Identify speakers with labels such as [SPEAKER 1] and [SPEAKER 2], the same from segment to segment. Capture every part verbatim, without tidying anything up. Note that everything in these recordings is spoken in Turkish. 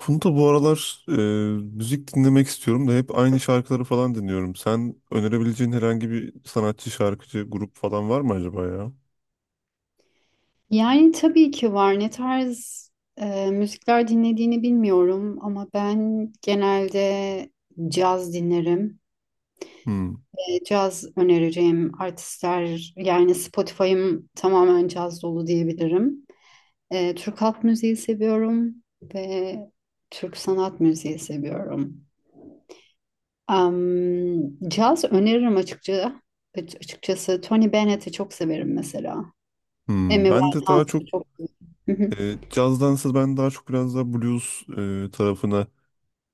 [SPEAKER 1] Funda bu aralar e, müzik dinlemek istiyorum da hep aynı şarkıları falan dinliyorum. Sen önerebileceğin herhangi bir sanatçı, şarkıcı, grup falan var mı acaba ya?
[SPEAKER 2] Yani tabii ki var. Ne tarz e, müzikler dinlediğini bilmiyorum ama ben genelde caz dinlerim.
[SPEAKER 1] Hmm.
[SPEAKER 2] E, caz önereceğim artistler yani Spotify'ım tamamen caz dolu diyebilirim. E, Türk halk müziği seviyorum ve Türk sanat müziği seviyorum. Am, Caz öneririm açıkçası. Açıkçası Tony Bennett'i çok severim mesela. Amy
[SPEAKER 1] Hmm. Ben de daha
[SPEAKER 2] Winehouse'u
[SPEAKER 1] çok
[SPEAKER 2] çok severim.
[SPEAKER 1] e, cazdansa ben daha çok biraz daha blues e, tarafına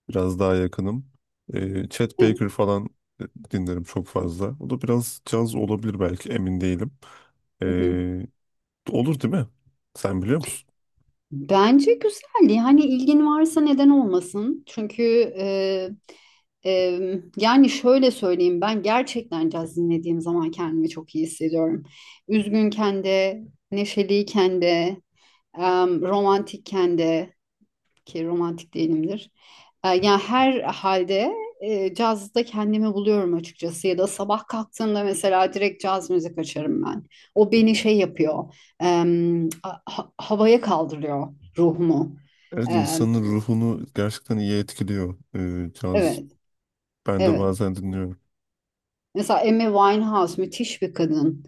[SPEAKER 1] biraz daha yakınım. E, Chet
[SPEAKER 2] Evet.
[SPEAKER 1] Baker falan e, dinlerim çok fazla. O da biraz caz olabilir belki emin değilim. E, olur değil mi? Sen biliyor musun?
[SPEAKER 2] Bence güzel. Yani ilgin varsa neden olmasın? Çünkü e, e, yani şöyle söyleyeyim, ben gerçekten caz dinlediğim zaman kendimi çok iyi hissediyorum. Üzgünken de, neşeliyken de, em, romantikken de, ki romantik değilimdir. E, yani her halde e, cazda kendimi buluyorum açıkçası, ya da sabah kalktığımda mesela direkt caz müzik açarım ben. O beni şey yapıyor, em, a- ha- havaya kaldırıyor ruhumu.
[SPEAKER 1] Evet,
[SPEAKER 2] Em,
[SPEAKER 1] insanın ruhunu gerçekten iyi etkiliyor e, caz.
[SPEAKER 2] evet,
[SPEAKER 1] Ben de
[SPEAKER 2] evet.
[SPEAKER 1] bazen dinliyorum.
[SPEAKER 2] Mesela Amy Winehouse müthiş bir kadın.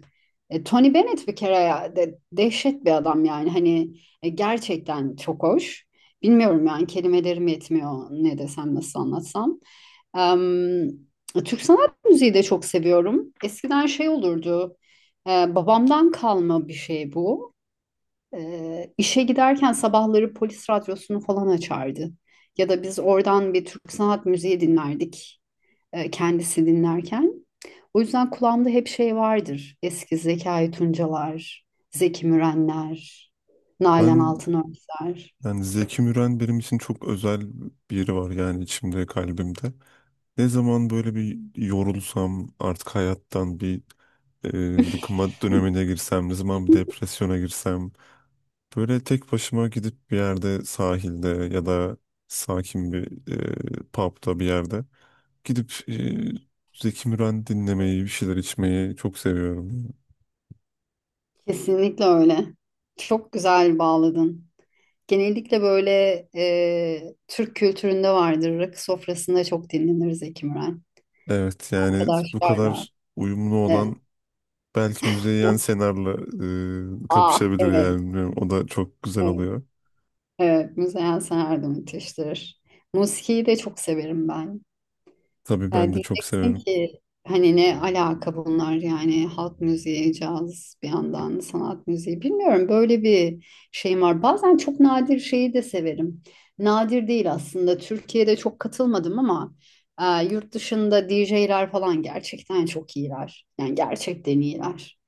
[SPEAKER 2] E, Tony Bennett bir kere ya, de, dehşet bir adam yani, hani e, gerçekten çok hoş. Bilmiyorum yani, kelimelerim yetmiyor ne desem nasıl anlatsam. Em, Türk sanat müziği de çok seviyorum. Eskiden şey olurdu. E, babamdan kalma bir şey bu. E, işe giderken sabahları polis radyosunu falan açardı. Ya da biz oradan bir Türk sanat müziği dinlerdik, e, kendisi dinlerken. O yüzden kulağımda hep şey vardır. Eski Zekai Tuncalar, Zeki Mürenler, Nalan
[SPEAKER 1] Ben,
[SPEAKER 2] Altınörtüler.
[SPEAKER 1] yani Zeki Müren benim için çok özel bir yeri var yani, içimde, kalbimde. Ne zaman böyle bir yorulsam, artık hayattan bir e, bıkıma dönemine girsem, ne zaman bir depresyona girsem, böyle tek başıma gidip bir yerde sahilde ya da sakin bir e, pub'da bir yerde gidip e, Zeki Müren dinlemeyi, bir şeyler içmeyi çok seviyorum.
[SPEAKER 2] Kesinlikle öyle. Çok güzel bağladın. Genellikle böyle e, Türk kültüründe vardır. Rakı sofrasında çok dinlenir Zeki Müren.
[SPEAKER 1] Evet, yani bu
[SPEAKER 2] Arkadaşlarla.
[SPEAKER 1] kadar uyumlu olan...
[SPEAKER 2] Evet.
[SPEAKER 1] Belki Müzeyyen Senar'la e,
[SPEAKER 2] Ah
[SPEAKER 1] kapışabilir
[SPEAKER 2] evet.
[SPEAKER 1] yani. Bilmiyorum. O da çok güzel
[SPEAKER 2] Evet.
[SPEAKER 1] oluyor.
[SPEAKER 2] Evet. Müzeyyen Senar da müthiştir. Musikiyi de çok severim ben.
[SPEAKER 1] Tabii
[SPEAKER 2] Ya
[SPEAKER 1] ben de çok
[SPEAKER 2] diyeceksin
[SPEAKER 1] severim.
[SPEAKER 2] ki hani ne alaka bunlar, yani halk müziği, caz, bir yandan sanat müziği, bilmiyorum, böyle bir şeyim var. Bazen çok nadir şeyi de severim. Nadir değil aslında, Türkiye'de çok katılmadım ama e, yurt dışında D J'ler falan gerçekten çok iyiler. Yani gerçekten iyiler.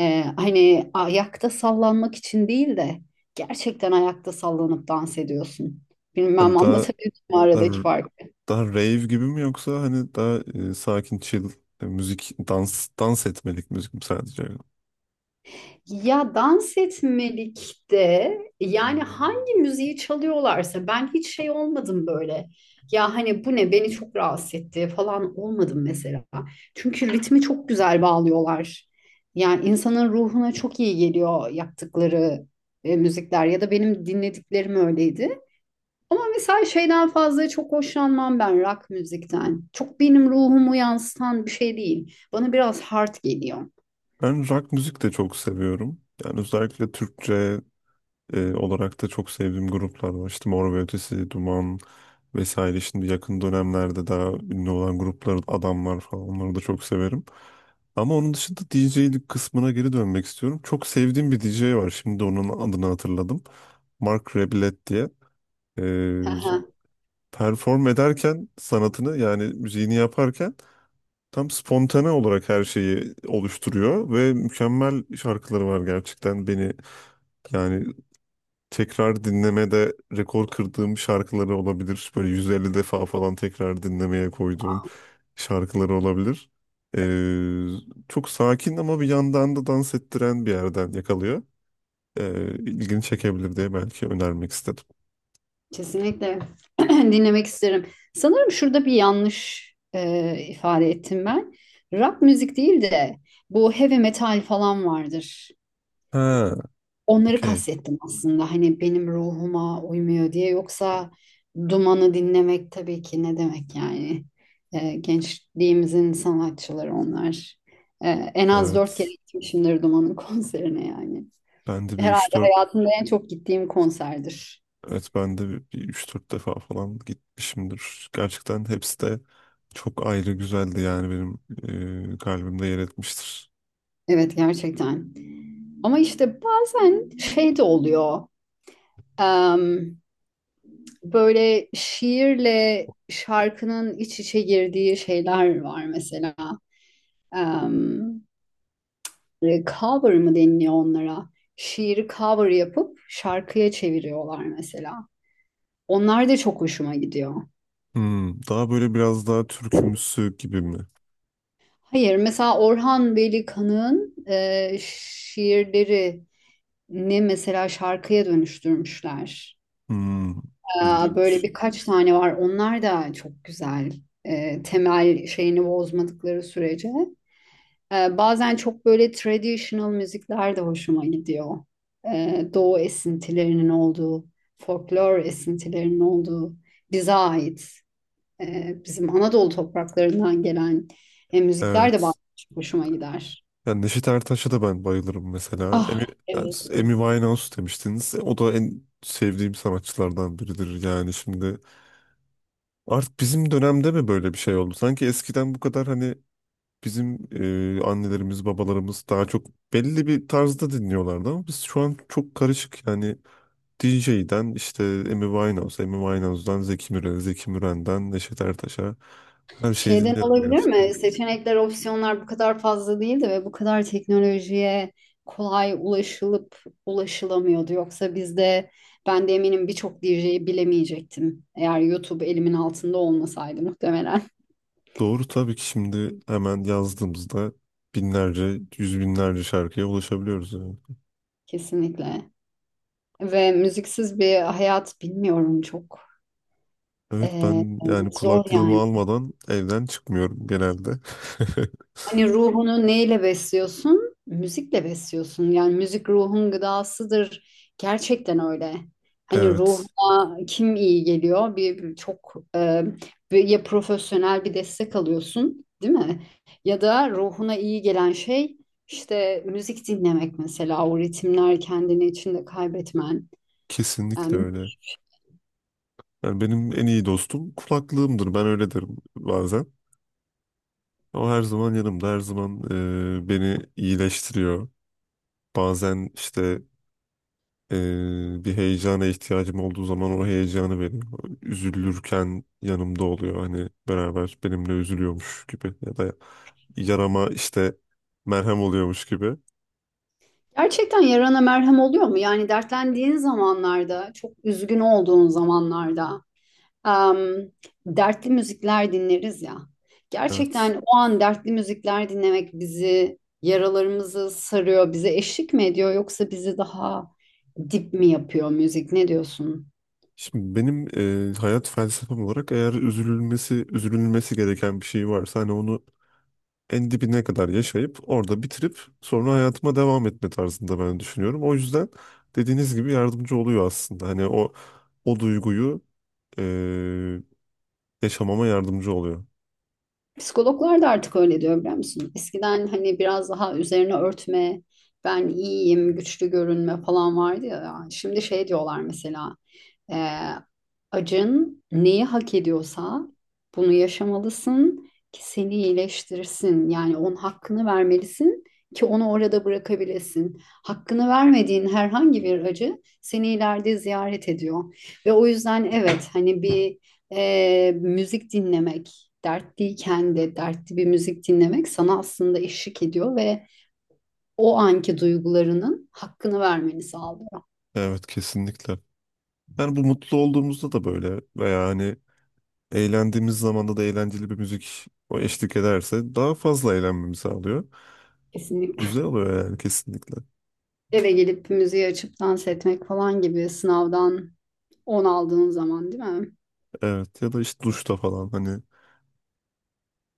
[SPEAKER 2] E, hani ayakta sallanmak için değil de gerçekten ayakta sallanıp dans ediyorsun. Bilmem
[SPEAKER 1] Hani daha
[SPEAKER 2] anlatabildim mi aradaki
[SPEAKER 1] daha,
[SPEAKER 2] farkı.
[SPEAKER 1] daha rave gibi mi, yoksa hani daha e, sakin chill e, müzik, dans dans etmelik müzik mi sadece?
[SPEAKER 2] Ya, dans etmelikte yani. Hmm. Hangi müziği çalıyorlarsa ben hiç şey olmadım böyle. Ya hani bu ne, beni çok rahatsız etti falan olmadım mesela. Çünkü ritmi çok güzel bağlıyorlar. Yani insanın ruhuna çok iyi geliyor yaptıkları e, müzikler, ya da benim dinlediklerim öyleydi. Ama mesela şeyden fazla çok hoşlanmam ben, rock müzikten. Çok benim ruhumu yansıtan bir şey değil. Bana biraz hard geliyor.
[SPEAKER 1] Ben rock müzik de çok seviyorum. Yani özellikle Türkçe e, olarak da çok sevdiğim gruplar var. İşte Mor ve Ötesi, Duman, vesaire. Şimdi yakın dönemlerde daha ünlü olan gruplar, adamlar falan, onları da çok severim. Ama onun dışında D J'lik kısmına geri dönmek istiyorum. Çok sevdiğim bir D J var. Şimdi onun adını hatırladım. Mark Rebillet diye. Ee,
[SPEAKER 2] Aha.
[SPEAKER 1] perform ederken sanatını, yani müziğini yaparken tam spontane olarak her şeyi oluşturuyor ve mükemmel şarkıları var gerçekten. Beni, yani tekrar dinlemede rekor kırdığım şarkıları olabilir. Böyle yüz elli defa falan tekrar dinlemeye koyduğum şarkıları olabilir. Ee, çok sakin ama bir yandan da dans ettiren bir yerden yakalıyor. Ee, ilgini çekebilir diye belki önermek istedim.
[SPEAKER 2] Kesinlikle dinlemek isterim. Sanırım şurada bir yanlış e, ifade ettim ben. Rock müzik değil de bu heavy metal falan vardır.
[SPEAKER 1] Ha,
[SPEAKER 2] Onları
[SPEAKER 1] okey.
[SPEAKER 2] kastettim aslında. Hani benim ruhuma uymuyor diye. Yoksa Duman'ı dinlemek, tabii ki, ne demek yani. Ee, gençliğimizin sanatçıları onlar. Ee, en az dört kere
[SPEAKER 1] Evet.
[SPEAKER 2] gitmişimdir Duman'ın konserine yani.
[SPEAKER 1] Ben de bir üç
[SPEAKER 2] Herhalde
[SPEAKER 1] dört...
[SPEAKER 2] hayatımda en çok gittiğim konserdir.
[SPEAKER 1] Evet, ben de bir, bir üç dört defa falan gitmişimdir. Gerçekten hepsi de çok ayrı güzeldi yani, benim e, kalbimde yer etmiştir.
[SPEAKER 2] Evet, gerçekten. Ama işte bazen şey de oluyor. Em, Böyle şiirle şarkının iç içe girdiği şeyler var mesela. E, cover mı deniliyor onlara? Şiiri cover yapıp şarkıya çeviriyorlar mesela. Onlar da çok hoşuma gidiyor.
[SPEAKER 1] Hmm, daha böyle biraz daha türkümsü gibi mi?
[SPEAKER 2] Hayır, mesela Orhan Veli-Kanık'ın e, şiirleri ne mesela, şarkıya dönüştürmüşler.
[SPEAKER 1] Hmm,
[SPEAKER 2] Ee, Böyle
[SPEAKER 1] ilginç.
[SPEAKER 2] birkaç tane var. Onlar da çok güzel. Ee, Temel şeyini bozmadıkları sürece. Ee, bazen çok böyle traditional müzikler de hoşuma gidiyor. Ee, Doğu esintilerinin olduğu, folklor esintilerinin olduğu, bize ait, e, bizim Anadolu topraklarından gelen e, müzikler de bazen
[SPEAKER 1] Evet.
[SPEAKER 2] çok hoşuma gider.
[SPEAKER 1] Yani Neşet Ertaş'a da ben bayılırım mesela. Amy,
[SPEAKER 2] Ah,
[SPEAKER 1] yani
[SPEAKER 2] evet, evet.
[SPEAKER 1] Amy Winehouse demiştiniz. E, O da en sevdiğim sanatçılardan biridir yani şimdi. Artık bizim dönemde mi böyle bir şey oldu? Sanki eskiden bu kadar hani bizim e, annelerimiz, babalarımız daha çok belli bir tarzda dinliyorlardı ama biz şu an çok karışık yani. D J'den işte Amy Winehouse, Amy Winehouse'dan Zeki Müren, Zeki Müren'den Neşet Ertaş'a, her şeyi
[SPEAKER 2] Şeyden
[SPEAKER 1] dinliyoruz
[SPEAKER 2] olabilir
[SPEAKER 1] gerçekten.
[SPEAKER 2] mi? Seçenekler, opsiyonlar bu kadar fazla değildi ve bu kadar teknolojiye kolay ulaşılıp ulaşılamıyordu. Yoksa bizde, ben de eminim birçok D J'yi bilemeyecektim. Eğer YouTube elimin altında olmasaydı muhtemelen.
[SPEAKER 1] Doğru, tabii ki şimdi hemen yazdığımızda binlerce, yüz binlerce şarkıya ulaşabiliyoruz yani.
[SPEAKER 2] Kesinlikle. Ve müziksiz bir hayat bilmiyorum çok.
[SPEAKER 1] Evet,
[SPEAKER 2] Ee,
[SPEAKER 1] ben yani
[SPEAKER 2] Zor
[SPEAKER 1] kulaklığımı
[SPEAKER 2] yani.
[SPEAKER 1] almadan evden çıkmıyorum genelde.
[SPEAKER 2] Hani ruhunu neyle besliyorsun? Müzikle besliyorsun. Yani müzik ruhun gıdasıdır. Gerçekten öyle. Hani
[SPEAKER 1] Evet,
[SPEAKER 2] ruhuna kim iyi geliyor? Bir bir- çok e, bir- ya profesyonel bir destek alıyorsun, değil mi? Ya da ruhuna iyi gelen şey işte müzik dinlemek mesela, o ritimler, kendini içinde kaybetmen.
[SPEAKER 1] kesinlikle
[SPEAKER 2] Yani.
[SPEAKER 1] öyle. Yani benim en iyi dostum kulaklığımdır, ben öyle derim bazen. O her zaman yanımda, her zaman e, beni iyileştiriyor. Bazen işte Ee, bir heyecana ihtiyacım olduğu zaman o heyecanı veriyor. Üzülürken yanımda oluyor. Hani beraber benimle üzülüyormuş gibi ya da yarama işte merhem oluyormuş gibi.
[SPEAKER 2] Gerçekten yarana merhem oluyor mu? Yani dertlendiğin zamanlarda, çok üzgün olduğun zamanlarda, em, dertli müzikler dinleriz ya.
[SPEAKER 1] Evet.
[SPEAKER 2] Gerçekten o an dertli müzikler dinlemek bizi, yaralarımızı sarıyor, bize eşlik mi ediyor, yoksa bizi daha dip mi yapıyor müzik? Ne diyorsun?
[SPEAKER 1] Şimdi benim e, hayat felsefem olarak, eğer üzülülmesi üzülülmesi gereken bir şey varsa, hani onu en dibine kadar yaşayıp orada bitirip sonra hayatıma devam etme tarzında ben düşünüyorum. O yüzden dediğiniz gibi yardımcı oluyor aslında. Hani o o duyguyu e, yaşamama yardımcı oluyor.
[SPEAKER 2] Psikologlar da artık öyle diyor, biliyor musun? Eskiden hani biraz daha üzerine örtme, ben iyiyim, güçlü görünme falan vardı ya. Şimdi şey diyorlar mesela. Ee, Acın neyi hak ediyorsa bunu yaşamalısın ki seni iyileştirsin. Yani onun hakkını vermelisin ki onu orada bırakabilesin. Hakkını vermediğin herhangi bir acı seni ileride ziyaret ediyor. Ve o yüzden evet, hani bir e, müzik dinlemek, dertliyken de dertli bir müzik dinlemek sana aslında eşlik ediyor ve o anki duygularının hakkını vermeni sağlıyor.
[SPEAKER 1] Evet, kesinlikle. Yani bu, mutlu olduğumuzda da böyle veya hani eğlendiğimiz zamanda da eğlenceli bir müzik o eşlik ederse daha fazla eğlenmemi sağlıyor.
[SPEAKER 2] Kesinlikle.
[SPEAKER 1] Güzel oluyor yani, kesinlikle.
[SPEAKER 2] Eve gelip müziği açıp dans etmek falan gibi, sınavdan on aldığın zaman, değil mi?
[SPEAKER 1] Evet, ya da işte duşta falan hani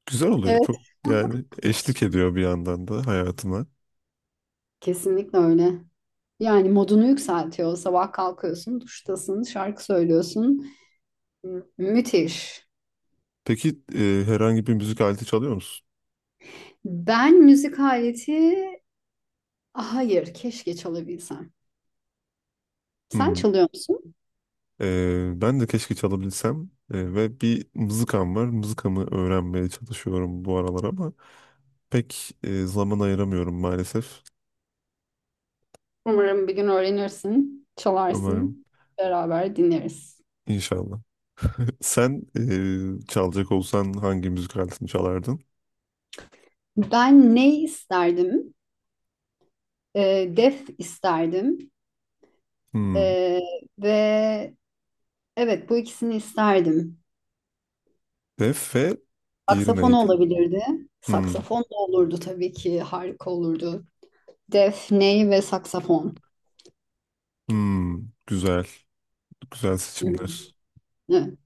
[SPEAKER 1] güzel oluyor.
[SPEAKER 2] Evet.
[SPEAKER 1] Çok, yani eşlik ediyor bir yandan da hayatıma.
[SPEAKER 2] Kesinlikle öyle. Yani modunu yükseltiyor. Sabah kalkıyorsun, duştasın, şarkı söylüyorsun. Mü- Müthiş.
[SPEAKER 1] Peki e, herhangi bir müzik aleti çalıyor musun?
[SPEAKER 2] Ben müzik aleti, hayır, keşke çalabilsem. Sen
[SPEAKER 1] Hmm.
[SPEAKER 2] çalıyor musun?
[SPEAKER 1] E, ben de keşke çalabilsem. E, ve bir mızıkam var. Mızıkamı öğrenmeye çalışıyorum bu aralar ama pek e, zaman ayıramıyorum maalesef.
[SPEAKER 2] Umarım bir gün öğrenirsin,
[SPEAKER 1] Umarım.
[SPEAKER 2] çalarsın, beraber dinleriz.
[SPEAKER 1] İnşallah. Sen e, çalacak olsan hangi müzik aletini çalardın?
[SPEAKER 2] Ben ne isterdim? Ee, def isterdim.
[SPEAKER 1] Hmm.
[SPEAKER 2] Ee, ve Evet, bu ikisini isterdim.
[SPEAKER 1] Ve F, diğeri
[SPEAKER 2] Saksafon
[SPEAKER 1] neydi?
[SPEAKER 2] olabilirdi.
[SPEAKER 1] Hmm.
[SPEAKER 2] Saksafon da olurdu tabii ki. Harika olurdu. Defneyi ve saksafon.
[SPEAKER 1] Hmm. Güzel. Güzel
[SPEAKER 2] Hı hı.
[SPEAKER 1] seçimler.
[SPEAKER 2] Evet,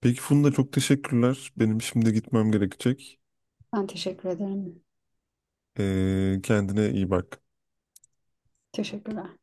[SPEAKER 1] Peki Funda, çok teşekkürler. Benim şimdi gitmem gerekecek.
[SPEAKER 2] ben teşekkür ederim.
[SPEAKER 1] E, kendine iyi bak.
[SPEAKER 2] Teşekkürler.